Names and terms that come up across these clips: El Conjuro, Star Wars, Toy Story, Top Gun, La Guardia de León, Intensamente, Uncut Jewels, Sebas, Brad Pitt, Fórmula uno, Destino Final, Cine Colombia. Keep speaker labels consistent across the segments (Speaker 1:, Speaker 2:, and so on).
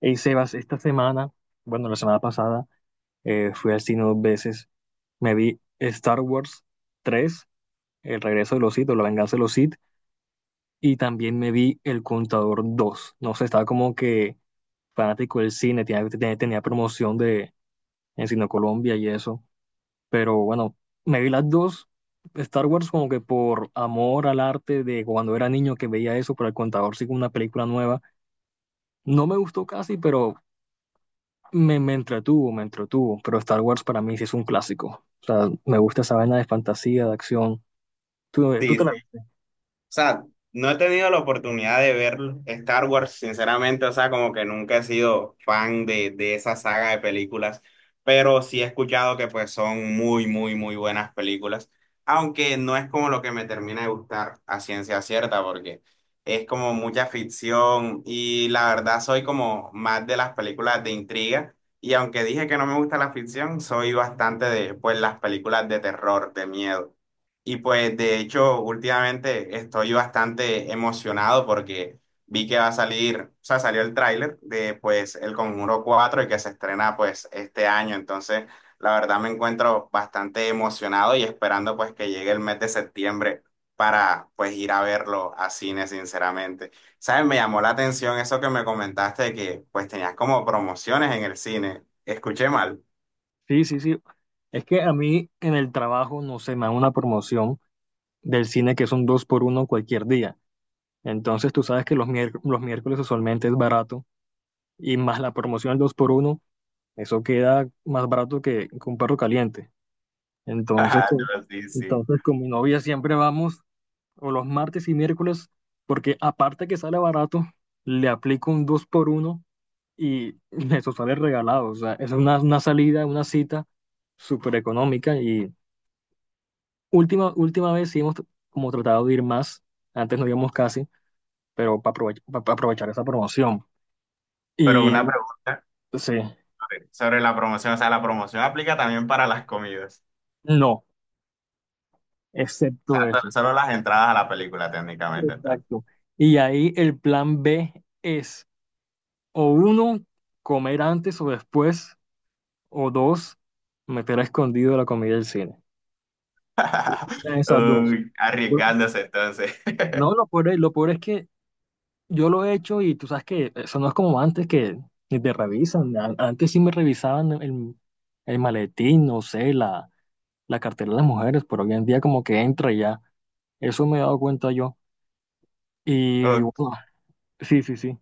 Speaker 1: Hey Sebas, esta semana, bueno, la semana pasada, fui al cine dos veces. Me vi Star Wars 3, El regreso de los Sith o La venganza de los Sith, y también me vi El Contador 2. No sé, estaba como que fanático del cine, tenía promoción de, en Cine Colombia y eso. Pero bueno, me vi las dos. Star Wars como que por amor al arte de cuando era niño que veía eso, pero El Contador sí como una película nueva. No me gustó casi, pero Me entretuvo, pero Star Wars para mí sí es un clásico. O sea, me gusta esa vaina de fantasía, de acción. ¿Tú
Speaker 2: Sí,
Speaker 1: te
Speaker 2: sí. O
Speaker 1: la viste?
Speaker 2: sea, no he tenido la oportunidad de ver Star Wars, sinceramente. O sea, como que nunca he sido fan de esa saga de películas, pero sí he escuchado que pues son muy buenas películas, aunque no es como lo que me termina de gustar a ciencia cierta, porque es como mucha ficción y la verdad soy como más de las películas de intriga. Y aunque dije que no me gusta la ficción, soy bastante de pues las películas de terror, de miedo. Y pues de hecho últimamente estoy bastante emocionado porque vi que va a salir, o sea, salió el tráiler de pues El Conjuro 4 y que se estrena pues este año. Entonces, la verdad me encuentro bastante emocionado y esperando pues que llegue el mes de septiembre para pues ir a verlo a cine, sinceramente. ¿Sabes? Me llamó la atención eso que me comentaste de que pues tenías como promociones en el cine. Escuché mal.
Speaker 1: Sí, sí, sí. Es que a mí en el trabajo, no sé, me dan una promoción del cine que son dos por uno cualquier día. Entonces tú sabes que los miércoles usualmente es barato y más la promoción del dos por uno, eso queda más barato que un perro caliente. Entonces con,
Speaker 2: Sí, sí.
Speaker 1: entonces con mi novia siempre vamos o los martes y miércoles, porque aparte que sale barato, le aplico un 2 por uno y eso sale regalado. O sea, es una salida, una cita súper económica y última vez sí hemos como tratado de ir más, antes no íbamos casi, pero para aprovechar esa promoción.
Speaker 2: Pero
Speaker 1: Y
Speaker 2: una
Speaker 1: claro.
Speaker 2: pregunta
Speaker 1: Sí,
Speaker 2: sobre la promoción. O sea, ¿la promoción aplica también para las comidas?
Speaker 1: no,
Speaker 2: O
Speaker 1: excepto
Speaker 2: sea,
Speaker 1: eso.
Speaker 2: solo las entradas a la película técnicamente, entonces.
Speaker 1: Exacto. Y ahí el plan B es, o uno, comer antes o después, o dos, meter a escondido la comida del cine. Eran esas dos.
Speaker 2: Uy,
Speaker 1: Bu-
Speaker 2: arriesgándose entonces.
Speaker 1: No, lo peor es que yo lo he hecho y tú sabes que eso no es como antes que ni te revisan. Antes sí me revisaban el maletín, no sé, la cartera de las mujeres, pero hoy en día como que entra y ya. Eso me he dado cuenta yo. Y
Speaker 2: Ok.
Speaker 1: bueno, sí, sí, sí.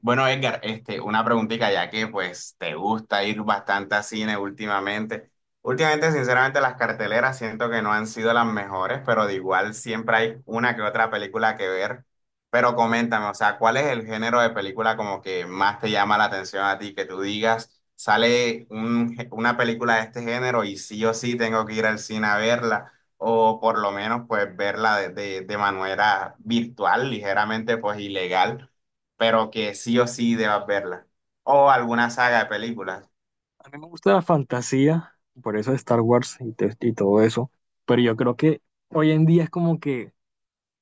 Speaker 2: Bueno, Edgar, una preguntita, ya que pues te gusta ir bastante a cine últimamente. Últimamente, sinceramente, las carteleras siento que no han sido las mejores, pero de igual siempre hay una que otra película que ver. Pero coméntame, o sea, ¿cuál es el género de película como que más te llama la atención a ti? Que tú digas, sale un una película de este género y sí o sí tengo que ir al cine a verla, o por lo menos pues verla de, de manera virtual, ligeramente pues ilegal, pero que sí o sí debas verla. O alguna saga de películas.
Speaker 1: A mí me gusta la fantasía, por eso Star Wars y todo eso. Pero yo creo que hoy en día es como que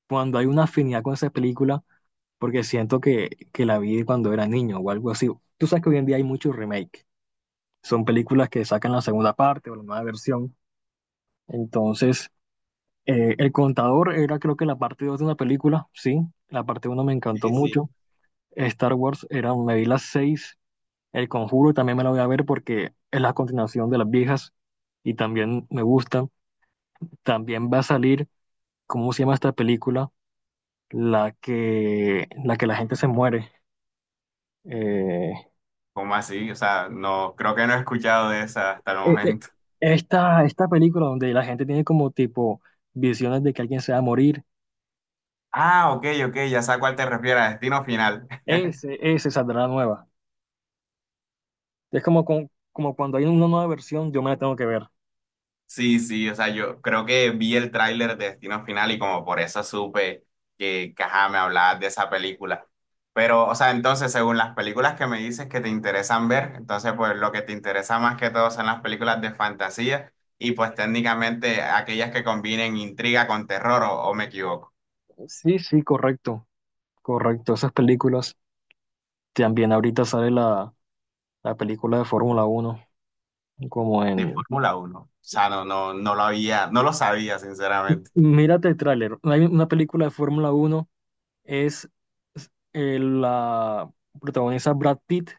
Speaker 1: cuando hay una afinidad con esa película, porque siento que la vi cuando era niño o algo así. Tú sabes que hoy en día hay muchos remake. Son películas que sacan la segunda parte o la nueva versión. Entonces, El Contador era creo que la parte 2 de una película, sí. La parte uno me encantó
Speaker 2: Sí, sí.
Speaker 1: mucho. Star Wars era, me vi las seis. El Conjuro también me la voy a ver porque es la continuación de las viejas y también me gusta. También va a salir, ¿cómo se llama esta película? La que la gente se muere. Eh,
Speaker 2: ¿Cómo así? O sea, no, creo que no he escuchado de esa hasta el
Speaker 1: Eh, eh,
Speaker 2: momento.
Speaker 1: esta película donde la gente tiene como tipo visiones de que alguien se va a morir,
Speaker 2: Ah, ok, ok, ya sé a cuál te refieres, a Destino Final.
Speaker 1: ese saldrá nueva. Es como cuando hay una nueva versión, yo me la tengo que ver.
Speaker 2: Sí, sí, o sea, yo creo que vi el tráiler de Destino Final y como por eso supe que ajá, me hablabas de esa película. Pero, o sea, entonces, según las películas que me dices que te interesan ver, entonces, pues lo que te interesa más que todo son las películas de fantasía y pues técnicamente aquellas que combinen intriga con terror, o, ¿o me equivoco?
Speaker 1: Sí, sí, correcto, correcto. Esas películas, también ahorita sale la película de Fórmula uno como
Speaker 2: De
Speaker 1: en...
Speaker 2: Fórmula uno, o sea, no, no, no lo había, no lo sabía, sinceramente.
Speaker 1: Mírate el tráiler, hay una película de Fórmula uno, es la protagonista Brad Pitt,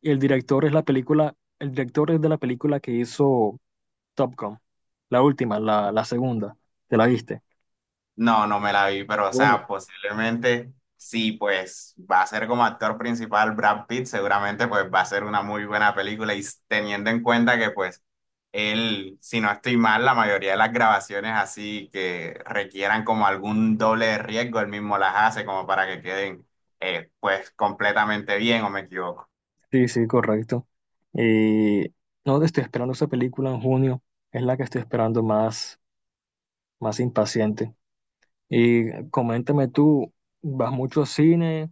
Speaker 1: y el director es la película, el director es de la película que hizo... Top Gun. La última, la segunda. ¿Te la viste?
Speaker 2: No, no me la vi, pero o
Speaker 1: Bueno,
Speaker 2: sea, posiblemente sí, pues va a ser como actor principal Brad Pitt, seguramente pues va a ser una muy buena película y teniendo en cuenta que pues él, si no estoy mal, la mayoría de las grabaciones así que requieran como algún doble de riesgo, él mismo las hace como para que queden pues completamente bien, ¿o me equivoco?
Speaker 1: sí, sí, correcto. Eh, no estoy esperando esa película en junio, es la que estoy esperando más impaciente. Y coméntame tú, ¿vas mucho al cine?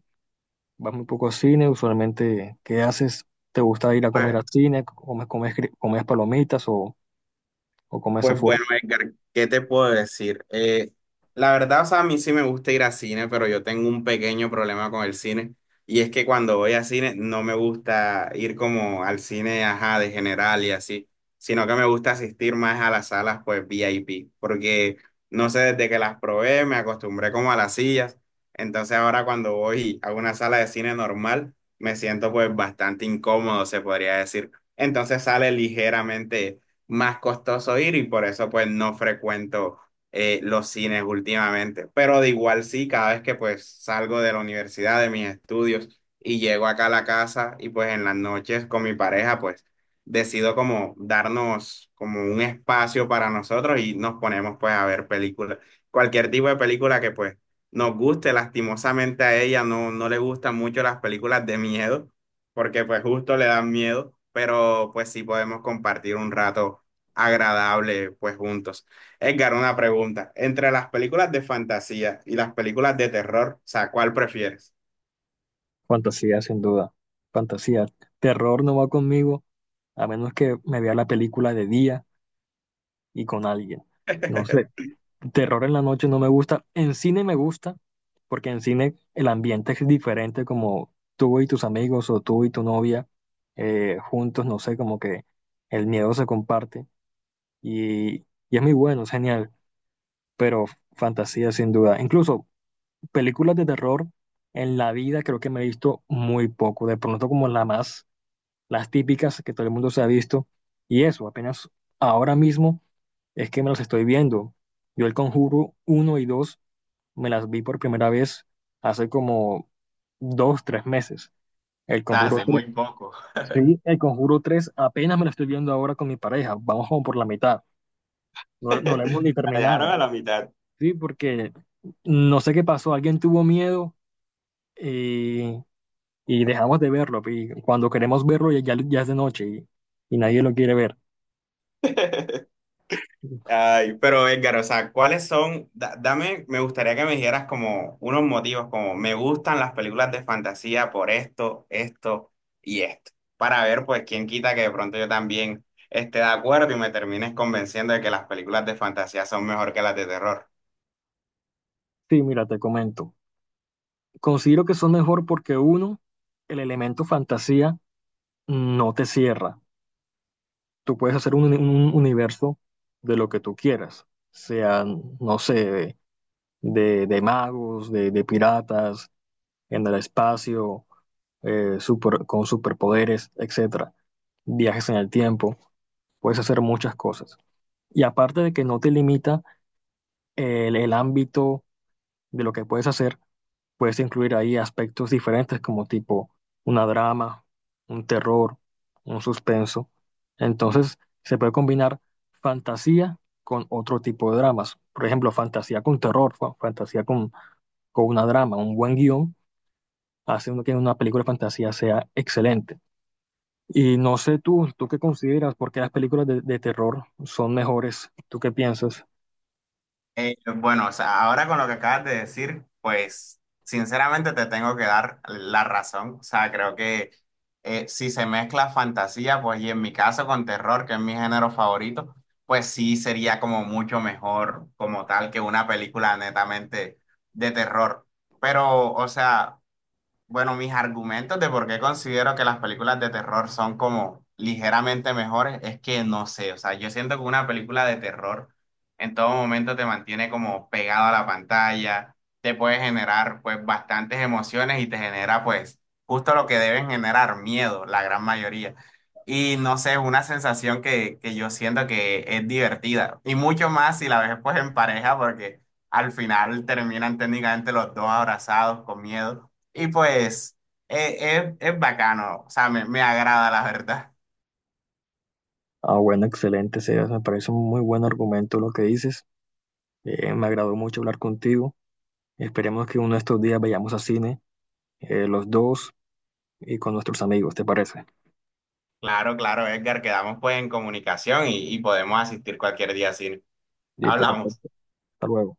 Speaker 1: ¿Vas muy poco al cine? Usualmente, ¿qué haces? ¿Te gusta ir a comer
Speaker 2: Pues
Speaker 1: al cine? ¿Comes palomitas o comes
Speaker 2: Pues
Speaker 1: afuera?
Speaker 2: bueno, Edgar, ¿qué te puedo decir? La verdad, o sea, a mí sí me gusta ir a cine, pero yo tengo un pequeño problema con el cine. Y es que cuando voy a cine no me gusta ir como al cine, ajá, de general y así, sino que me gusta asistir más a las salas, pues VIP, porque no sé, desde que las probé me acostumbré como a las sillas. Entonces ahora cuando voy a una sala de cine normal, me siento pues bastante incómodo, se podría decir. Entonces sale ligeramente más costoso ir y por eso pues no frecuento los cines últimamente. Pero de igual sí, cada vez que pues salgo de la universidad, de mis estudios y llego acá a la casa y pues en las noches con mi pareja pues decido como darnos como un espacio para nosotros y nos ponemos pues a ver películas, cualquier tipo de película que pues nos guste. Lastimosamente a ella no le gustan mucho las películas de miedo porque pues justo le dan miedo, pero pues sí podemos compartir un rato agradable, pues juntos. Edgar, una pregunta. Entre las películas de fantasía y las películas de terror, o sea, ¿cuál prefieres?
Speaker 1: Fantasía, sin duda. Fantasía. Terror no va conmigo, a menos que me vea la película de día y con alguien. No sé, terror en la noche no me gusta. En cine me gusta, porque en cine el ambiente es diferente, como tú y tus amigos o tú y tu novia, juntos, no sé, como que el miedo se comparte y, y es muy bueno, es genial, pero fantasía sin duda. Incluso películas de terror en la vida creo que me he visto muy poco, de pronto como las típicas que todo el mundo se ha visto y eso, apenas ahora mismo. Es que me los estoy viendo. Yo el Conjuro uno y 2 me las vi por primera vez hace como 2, 3 meses. El Conjuro
Speaker 2: Hace
Speaker 1: tres,
Speaker 2: muy poco.
Speaker 1: sí, el Conjuro 3 apenas me lo estoy viendo ahora con mi pareja. Vamos como por la mitad. No, no lo hemos ni
Speaker 2: La dejaron a
Speaker 1: terminado.
Speaker 2: la mitad.
Speaker 1: Sí, porque no sé qué pasó. Alguien tuvo miedo, eh, y dejamos de verlo. Y cuando queremos verlo ya, ya es de noche y nadie lo quiere ver.
Speaker 2: Ay, pero Edgar, o sea, ¿cuáles son? Dame, me gustaría que me dijeras como unos motivos, como me gustan las películas de fantasía por esto, esto y esto, para ver, pues, quién quita que de pronto yo también esté de acuerdo y me termines convenciendo de que las películas de fantasía son mejor que las de terror.
Speaker 1: Sí, mira, te comento. Considero que son mejor porque uno, el elemento fantasía no te cierra. Tú puedes hacer un universo de lo que tú quieras, sean, no sé, de magos, de piratas, en el espacio, con superpoderes, etcétera. Viajes en el tiempo, puedes hacer muchas cosas. Y aparte de que no te limita el ámbito de lo que puedes hacer, puedes incluir ahí aspectos diferentes como tipo una drama, un terror, un suspenso. Entonces, se puede combinar fantasía con otro tipo de dramas. Por ejemplo, fantasía con terror, fantasía con una drama, un buen guión hace uno que una película de fantasía sea excelente. Y no sé tú, ¿tú qué consideras? ¿Por qué las películas de terror son mejores? ¿Tú qué piensas?
Speaker 2: Bueno, o sea, ahora con lo que acabas de decir, pues sinceramente te tengo que dar la razón. O sea, creo que si se mezcla fantasía, pues y en mi caso con terror, que es mi género favorito, pues sí sería como mucho mejor como tal que una película netamente de terror. Pero, o sea, bueno, mis argumentos de por qué considero que las películas de terror son como ligeramente mejores es que no sé, o sea, yo siento que una película de terror en todo momento te mantiene como pegado a la pantalla, te puede generar pues bastantes emociones y te genera pues justo lo que deben generar, miedo, la gran mayoría. Y no sé, es una sensación que yo siento que es divertida y mucho más si la ves pues en pareja porque al final terminan técnicamente los dos abrazados con miedo. Y pues es bacano. O sea, me agrada la verdad.
Speaker 1: Ah, bueno, excelente, Sebas. Me parece un muy buen argumento lo que dices. Me agradó mucho hablar contigo. Esperemos que uno de estos días vayamos a cine, los dos y con nuestros amigos, ¿te parece?
Speaker 2: Claro, claro, Edgar, quedamos pues en comunicación y podemos asistir cualquier día así.
Speaker 1: Listo,
Speaker 2: Hablamos.
Speaker 1: perfecto. Hasta luego.